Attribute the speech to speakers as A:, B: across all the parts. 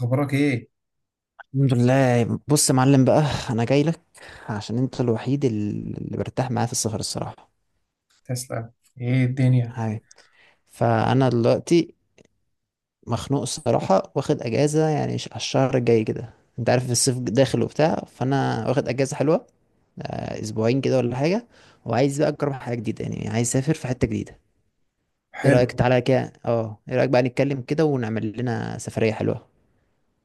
A: أخبارك إيه؟
B: الحمد لله. بص يا معلم، بقى انا جاي لك عشان انت الوحيد اللي برتاح معاه في السفر، الصراحه.
A: تسلم. إيه الدنيا؟
B: هاي فانا دلوقتي مخنوق الصراحه، واخد اجازه يعني على الشهر الجاي كده، انت عارف الصيف داخل وبتاع، فانا واخد اجازه حلوه. اسبوعين كده ولا حاجه. وعايز بقى اجرب حاجه جديده، يعني عايز اسافر في حته جديده. ايه رايك
A: حلو.
B: تعالى كده، ايه رايك بقى نتكلم كده ونعمل لنا سفريه حلوه؟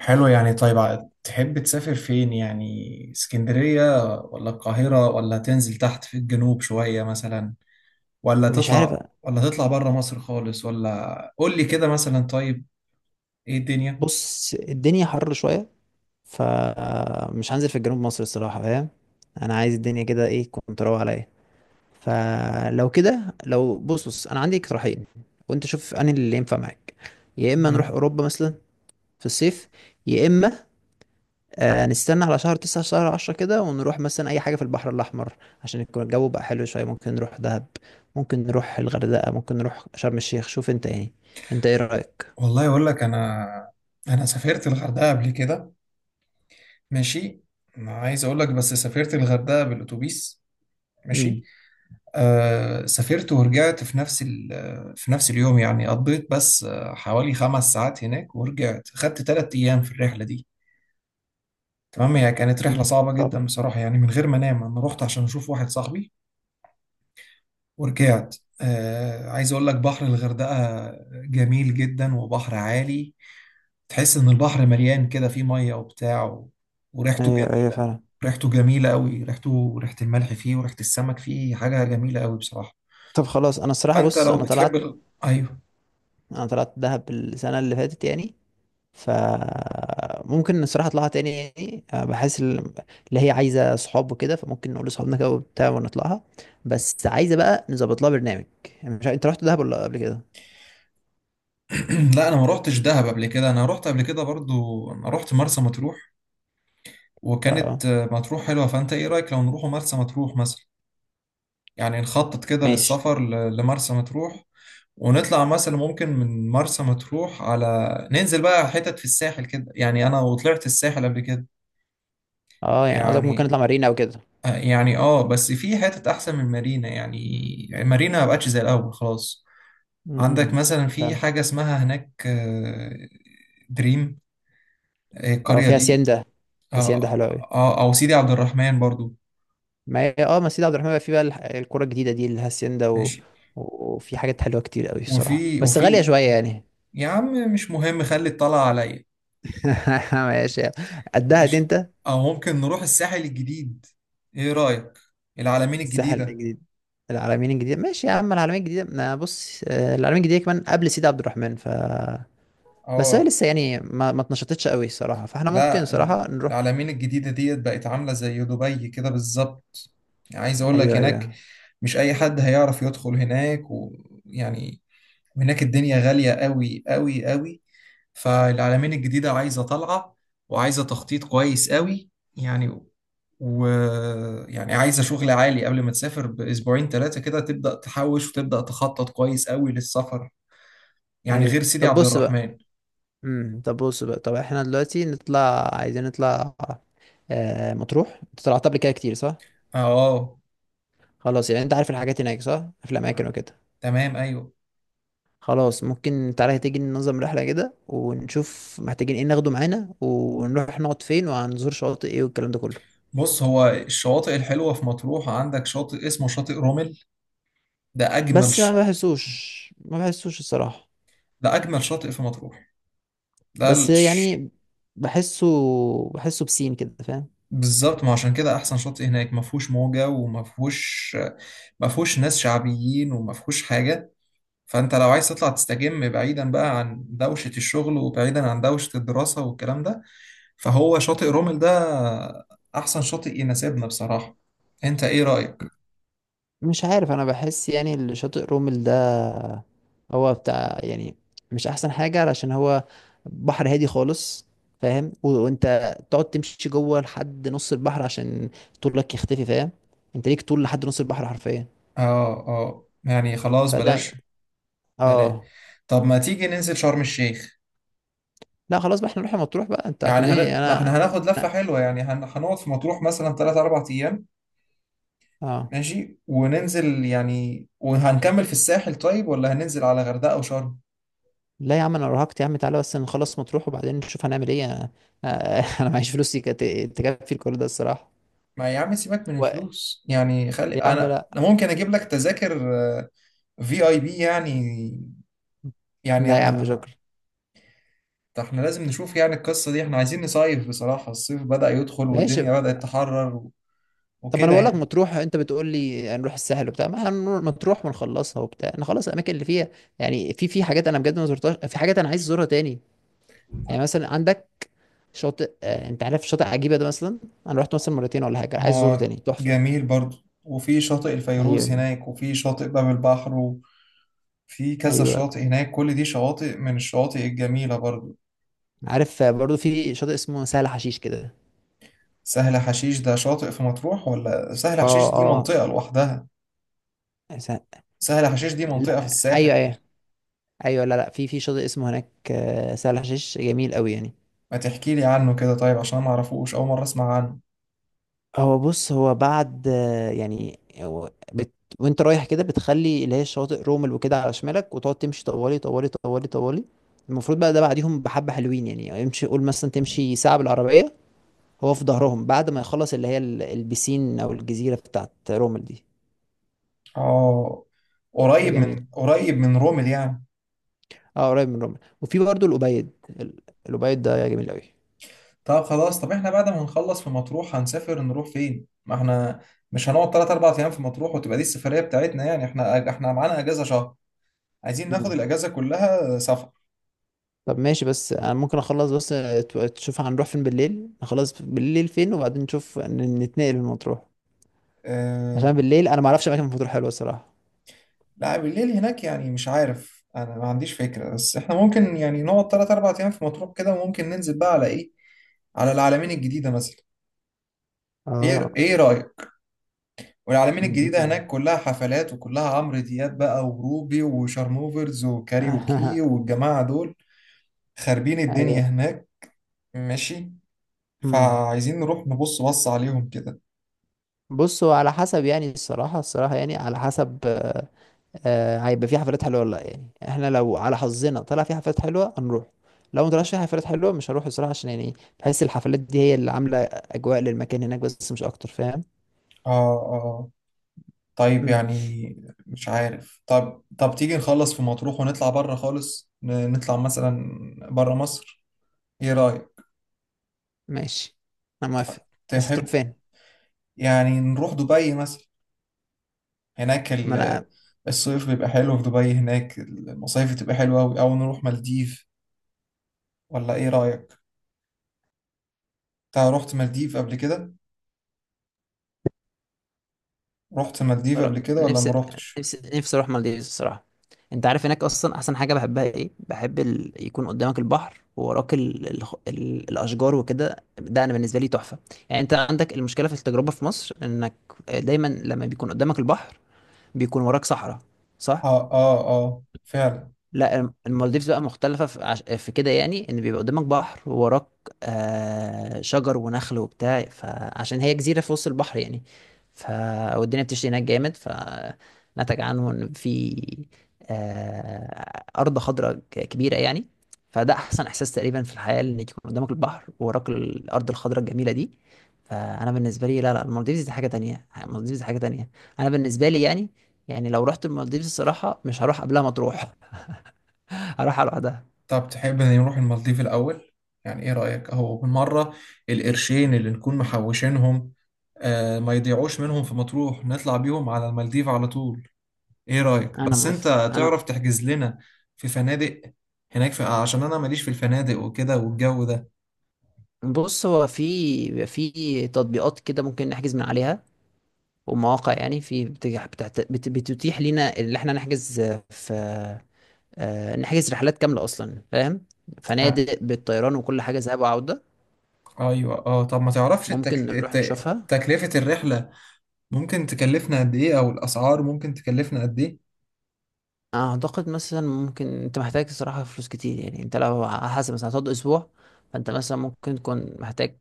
A: حلو يعني. طيب تحب تسافر فين؟ يعني اسكندرية ولا القاهرة ولا تنزل تحت في الجنوب شوية مثلا، ولا
B: مش عارف.
A: تطلع، ولا تطلع بره مصر خالص؟ ولا قول لي كده مثلا. طيب إيه الدنيا؟
B: بص، الدنيا حر شويه، فمش هنزل في جنوب مصر الصراحة، فاهم. انا عايز الدنيا كده ايه، كنت روق عليا. فلو كده، لو بص بص، انا عندي اقتراحين، وانت شوف انهي اللي ينفع معاك. يا اما نروح
A: تمام.
B: اوروبا مثلا في الصيف، يا اما نستنى على شهر 9 شهر 10 كده، ونروح مثلا اي حاجة في البحر الاحمر عشان يكون الجو بقى حلو شوية. ممكن نروح دهب، ممكن نروح الغردقة، ممكن نروح شرم الشيخ. شوف انت يعني، انت ايه رأيك؟
A: والله اقول لك انا سافرت الغردقه قبل كده. ماشي. ما عايز اقول لك، بس سافرت الغردقه بالاتوبيس.
B: مم.
A: ماشي. آه سافرت ورجعت في نفس في نفس اليوم، يعني قضيت بس حوالي 5 ساعات هناك ورجعت. خدت 3 ايام في الرحله دي. تمام. هي كانت رحله صعبه
B: صعبة.
A: جدا بصراحه، يعني من غير ما انام انا رحت عشان اشوف واحد صاحبي ورجعت. آه عايز اقول لك، بحر الغردقه جميل جدا وبحر عالي، تحس ان البحر مليان كده، فيه ميه وبتاع وريحته
B: ايوه ايوه
A: جميله.
B: فعلا.
A: ريحته جميله قوي، ريحته ريحه الملح فيه وريحه السمك فيه، حاجه جميله قوي بصراحه.
B: طب خلاص، انا الصراحة
A: فانت
B: بص،
A: لو بتحب ايوه.
B: انا طلعت دهب السنه اللي فاتت يعني، فممكن الصراحه اطلعها تاني، يعني بحس اللي هي عايزه صحاب وكده، فممكن نقول لصحابنا كده وبتاع ونطلعها. بس عايزه بقى نظبط لها برنامج. يعني، مش انت رحت دهب ولا قبل كده؟
A: لا انا ما روحتش دهب قبل كده، انا روحت قبل كده برضو، انا روحت مرسى مطروح،
B: اه،
A: وكانت مطروح حلوه. فانت ايه رايك لو نروح مرسى مطروح مثلا؟ يعني نخطط كده
B: ماشي.
A: للسفر لمرسى مطروح، ونطلع مثلا ممكن من مرسى مطروح على، ننزل بقى حتت في الساحل كده، يعني انا وطلعت الساحل قبل كده.
B: اه، يعني قصدك ممكن
A: يعني
B: نطلع مارينا او كده.
A: يعني بس في حتت احسن من مارينا يعني، يعني مارينا ما بقتش زي الاول خلاص. عندك
B: امم،
A: مثلا في
B: فعلا.
A: حاجه اسمها هناك، دريم،
B: اه،
A: القريه
B: فيها
A: دي.
B: هاسيندا. هاسيندا حلوه قوي.
A: او سيدي عبد الرحمن برضو.
B: ما هي مسجد عبد الرحمن بقى فيه بقى الكوره الجديده دي اللي هاسيندا و...
A: ماشي.
B: وفي حاجات حلوه كتير قوي الصراحه،
A: وفي
B: بس غاليه
A: وفي
B: شويه يعني.
A: يا عم مش مهم، خلي الطلعه عليا.
B: ماشي، قدها دي
A: ماشي.
B: انت.
A: او ممكن نروح الساحل الجديد، ايه رايك؟ العلمين
B: الساحل
A: الجديده.
B: الجديد، العلمين الجديدة، ماشي يا عم. العلمين الجديدة، ما بص، العلمين الجديدة كمان قبل سيدي عبد الرحمن، ف... بس هي
A: اه.
B: لسه يعني ما اتنشطتش قوي الصراحة، فاحنا ممكن
A: لا
B: صراحة نروح.
A: العلمين الجديده ديت بقت عامله زي دبي كده بالظبط، عايز اقول لك.
B: ايوه
A: هناك
B: ايوه.
A: مش اي حد هيعرف يدخل هناك ويعني، هناك الدنيا غالية قوي قوي قوي. فالعلمين الجديدة عايزة طلعة، وعايزة تخطيط كويس قوي يعني، ويعني عايزة شغل عالي قبل ما تسافر بأسبوعين 3 كده، تبدأ تحوش وتبدأ تخطط كويس قوي للسفر، يعني
B: ايوه،
A: غير سيدي
B: طب
A: عبد
B: بص بقى،
A: الرحمن.
B: طب بص بقى، طب احنا دلوقتي نطلع، عايزين نطلع. مطروح، انت طلعت قبل كده كتير، صح؟
A: اه آه،
B: خلاص يعني، انت عارف الحاجات هناك، صح، في الاماكن وكده.
A: تمام ايوه.
B: خلاص، ممكن تعالى تيجي ننظم رحلة كده، ونشوف محتاجين ايه ناخده معانا، ونروح نقعد فين، وهنزور شواطئ ايه، والكلام ده كله.
A: بص هو الشواطئ الحلوة في مطروح، عندك شاطئ اسمه شاطئ رومل، ده أجمل
B: بس ما بحسوش ما بحسوش الصراحة.
A: ده أجمل شاطئ في مطروح، ده
B: بس يعني، بحسه بحسه بسين كده، فاهم.
A: بالظبط. ما عشان كده احسن شاطئ هناك، ما فيهوش موجه وما فيهوش، ما فيهوش ناس شعبيين وما فيهوش حاجه. فانت لو عايز تطلع تستجم بعيدا بقى عن دوشه الشغل وبعيدا عن دوشه الدراسه والكلام ده، فهو شاطئ رومل ده احسن شاطئ يناسبنا بصراحه. انت ايه رايك؟
B: مش عارف، انا بحس يعني اللي شاطئ رومل ده، هو بتاع يعني، مش احسن حاجة، علشان هو بحر هادي خالص، فاهم، وانت تقعد تمشي جوه لحد نص البحر، عشان طولك يختفي، فاهم، انت ليك طول لحد نص البحر حرفيا.
A: اه اه يعني خلاص
B: فده...
A: بلاش، بلاش.
B: اه،
A: طب ما تيجي ننزل شرم الشيخ؟
B: لا خلاص بقى احنا نروح مطروح بقى، انت
A: يعني
B: هتوديني
A: ما
B: انا.
A: احنا هناخد لفه
B: أنا-
A: حلوه، يعني هنقعد في مطروح مثلا 3 4 ايام.
B: اه
A: ماشي. وننزل يعني وهنكمل في الساحل، طيب ولا هننزل على غردقة وشرم؟
B: لا يا عم، انا ارهقت يا عم، تعالى بس نخلص مطروح وبعدين نشوف هنعمل ايه انا. أنا معيش فلوس تكفي الكل ده الصراحه.
A: ما يا عم سيبك من
B: و...
A: الفلوس يعني، خلي
B: يا عم
A: انا، انا
B: لا،
A: ممكن اجيب لك تذاكر في اي بي يعني، يعني
B: لا يا عم، شكرا.
A: ده احنا لازم نشوف يعني القصة دي، احنا عايزين نصيف بصراحة، الصيف بدأ يدخل
B: ماشي.
A: والدنيا بدأت تحرر
B: طب ما انا
A: وكده
B: بقول لك
A: يعني.
B: مطروح، انت بتقول لي هنروح الساحل وبتاع، ما احنا هنروح مطروح ونخلصها وبتاع، نخلص الاماكن اللي فيها. يعني في حاجات انا بجد ما زرتهاش، في حاجات انا عايز ازورها تاني. يعني مثلا عندك شاطئ، انت عارف شاطئ عجيبه ده مثلا. انا رحت مثلا مرتين ولا حاجه، عايز ازوره
A: هو
B: تاني، تحفه.
A: جميل برضو، وفي شاطئ الفيروز
B: ايوه
A: هناك، وفي شاطئ باب البحر، وفي كذا
B: ايوه،
A: شاطئ هناك، كل دي شواطئ من الشواطئ الجميلة برضو.
B: عارف. برضو في شاطئ اسمه سهل حشيش كده.
A: سهل حشيش ده شاطئ في مطروح، ولا سهل حشيش
B: اه.
A: دي منطقة لوحدها؟
B: س...
A: سهل حشيش دي منطقة في
B: لا،
A: الساحل.
B: ايوه ايوه ايوه، لا لا، في شاطئ اسمه هناك، سهل حشيش جميل قوي يعني.
A: ما تحكي لي عنه كده طيب، عشان ما اعرفوش، اول مرة اسمع عنه.
B: هو بص، هو بعد يعني هو بت... وانت رايح كده بتخلي اللي هي الشواطئ رومل وكده على شمالك، وتقعد تمشي طوالي طوالي طوالي طوالي. المفروض بقى ده بعديهم بحبة حلوين، يعني امشي قول مثلا تمشي ساعة بالعربية. هو في ظهرهم بعد ما يخلص اللي هي البسين او الجزيرة بتاعت رومل دي.
A: اه
B: ده
A: قريب
B: جميل.
A: من قريب من رومل يعني.
B: اه، قريب من رومل، وفي برضه الأبيض، ال- الأبيض ده جميل
A: طب خلاص، احنا بعد ما نخلص في مطروح هنسافر نروح فين؟ ما احنا مش هنقعد 3 4 ايام في مطروح وتبقى دي السفرية بتاعتنا، يعني احنا معانا اجازة شهر، عايزين
B: قوي.
A: ناخد الاجازة كلها سفر.
B: طب ماشي، بس انا ممكن اخلص بس، تشوف هنروح فين بالليل، نخلص بالليل فين، وبعدين نشوف نتنقل لمطروح،
A: آه،
B: عشان بالليل انا ما اعرفش اماكن في مطروح حلوه الصراحه.
A: لا بالليل هناك يعني مش عارف، انا ما عنديش فكرة، بس احنا ممكن يعني نقعد 3 4 ايام في مطروح كده، وممكن ننزل بقى على ايه، على العلمين الجديدة مثلا.
B: اه.
A: ايه رأيك؟ والعلمين الجديدة
B: انت-
A: هناك كلها حفلات وكلها عمرو دياب بقى وروبي وشارموفرز وكاريوكي والجماعة دول، خاربين الدنيا
B: ايوه.
A: هناك. ماشي.
B: امم
A: فعايزين نروح نبص، بص عليهم كده.
B: بصوا على حسب يعني الصراحه، يعني على حسب، هيبقى في حفلات حلوه ولا لا. يعني احنا لو على حظنا طلع في حفلات حلوه هنروح، لو ما طلعش في حفلات حلوه مش هروح الصراحه، عشان يعني بحس الحفلات دي هي اللي عامله اجواء للمكان هناك بس، مش اكتر، فاهم.
A: آه آه. طيب يعني مش عارف، طب تيجي نخلص في مطروح ونطلع بره خالص، نطلع مثلا بره مصر، ايه رأيك؟
B: ماشي، انا موافق. بس هتروح
A: تحب
B: فين؟
A: يعني نروح دبي مثلا؟ هناك
B: ما انا
A: الصيف بيبقى حلو في دبي، هناك المصايف بتبقى حلوة أوي، أو نروح مالديف، ولا ايه رأيك؟ انت رحت مالديف قبل كده؟ رحت مالديف
B: بروح-
A: قبل كده ولا ما
B: نفسي
A: رحتش؟
B: نفسي نفسي اروح مالديفز الصراحه. انت عارف هناك اصلا احسن حاجه بحبها ايه، بحب يكون قدامك البحر ووراك الاشجار وكده، ده انا بالنسبه لي تحفه. يعني انت عندك المشكله في التجربه في مصر، انك دايما لما بيكون قدامك البحر بيكون وراك صحراء، صح.
A: اه اه اه فعلا.
B: لا، المالديفز بقى مختلفة في، في كده يعني، ان بيبقى قدامك بحر ووراك شجر ونخل وبتاع، فعشان هي جزيرة في وسط البحر يعني، ف... والدنيا بتشتي هناك جامد، فنتج عنه ان في أرض خضراء كبيرة يعني. فده أحسن إحساس تقريبا في الحياة، إن يكون قدامك البحر ووراك الأرض الخضراء الجميلة دي. فأنا بالنسبة لي، لا لا، المالديفز دي حاجة تانية، المالديفز دي حاجة تانية، أنا بالنسبة لي يعني. يعني لو رحت المالديفز الصراحة، مش هروح قبلها مطروح، هروحها لوحدها.
A: طب تحب ان نروح المالديف الأول، يعني ايه رأيك، اهو بالمرة، القرشين اللي نكون محوشينهم، آه ما يضيعوش منهم في مطروح، نطلع بيهم على المالديف على طول. ايه رأيك؟
B: انا
A: بس
B: موافق
A: انت تعرف
B: انا.
A: تحجز لنا في فنادق هناك في، عشان انا ماليش في الفنادق وكده والجو ده.
B: بص، هو في تطبيقات كده ممكن نحجز من عليها ومواقع، يعني في بتتيح لينا اللي احنا نحجز في، نحجز رحلات كاملة اصلا، فاهم،
A: آه
B: فنادق بالطيران وكل حاجة، ذهاب وعودة.
A: ايوه اه. طب ما تعرفش
B: ممكن نروح نشوفها.
A: تكلفة الرحلة، ممكن تكلفنا قد ايه، او الأسعار ممكن تكلفنا قد ايه؟
B: اعتقد مثلا ممكن انت محتاج الصراحه فلوس كتير، يعني انت لو على حسب مثلا هتقعد اسبوع، فانت مثلا ممكن تكون محتاج،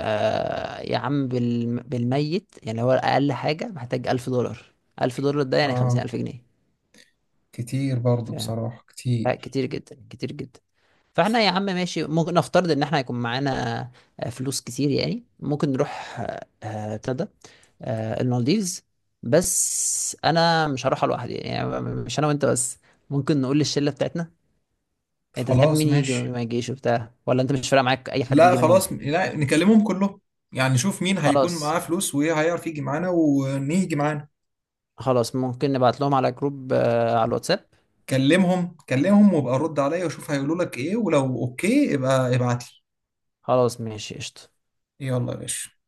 B: يا عم بالميت يعني، هو اقل حاجه محتاج 1000 دولار. 1000 دولار ده يعني خمسين
A: اه
B: ألف جنيه
A: كتير برضو
B: ف...
A: بصراحة،
B: لا،
A: كتير.
B: كتير جدا كتير جدا. فاحنا يا عم ماشي، ممكن نفترض ان احنا هيكون معانا فلوس كتير، يعني ممكن نروح ابتدى المالديفز. بس انا مش هروح لوحدي، يعني مش انا وانت بس، ممكن نقول للشله بتاعتنا. انت تحب
A: خلاص
B: مين يجي ومين
A: ماشي.
B: ما يجيش وبتاع، ولا انت مش فارق معاك اي حد
A: لا
B: يجي منهم؟
A: خلاص، لا نكلمهم كلهم، يعني نشوف مين هيكون
B: خلاص.
A: معاه فلوس وهيعرف يجي معانا، ونيجي معانا.
B: خلاص ممكن نبعت لهم على جروب، على الواتساب.
A: كلمهم كلمهم، وابقى رد عليا وشوف هيقولوا لك ايه، ولو اوكي ابقى ابعت لي.
B: خلاص ماشي، قشطة.
A: يلا يا باشا.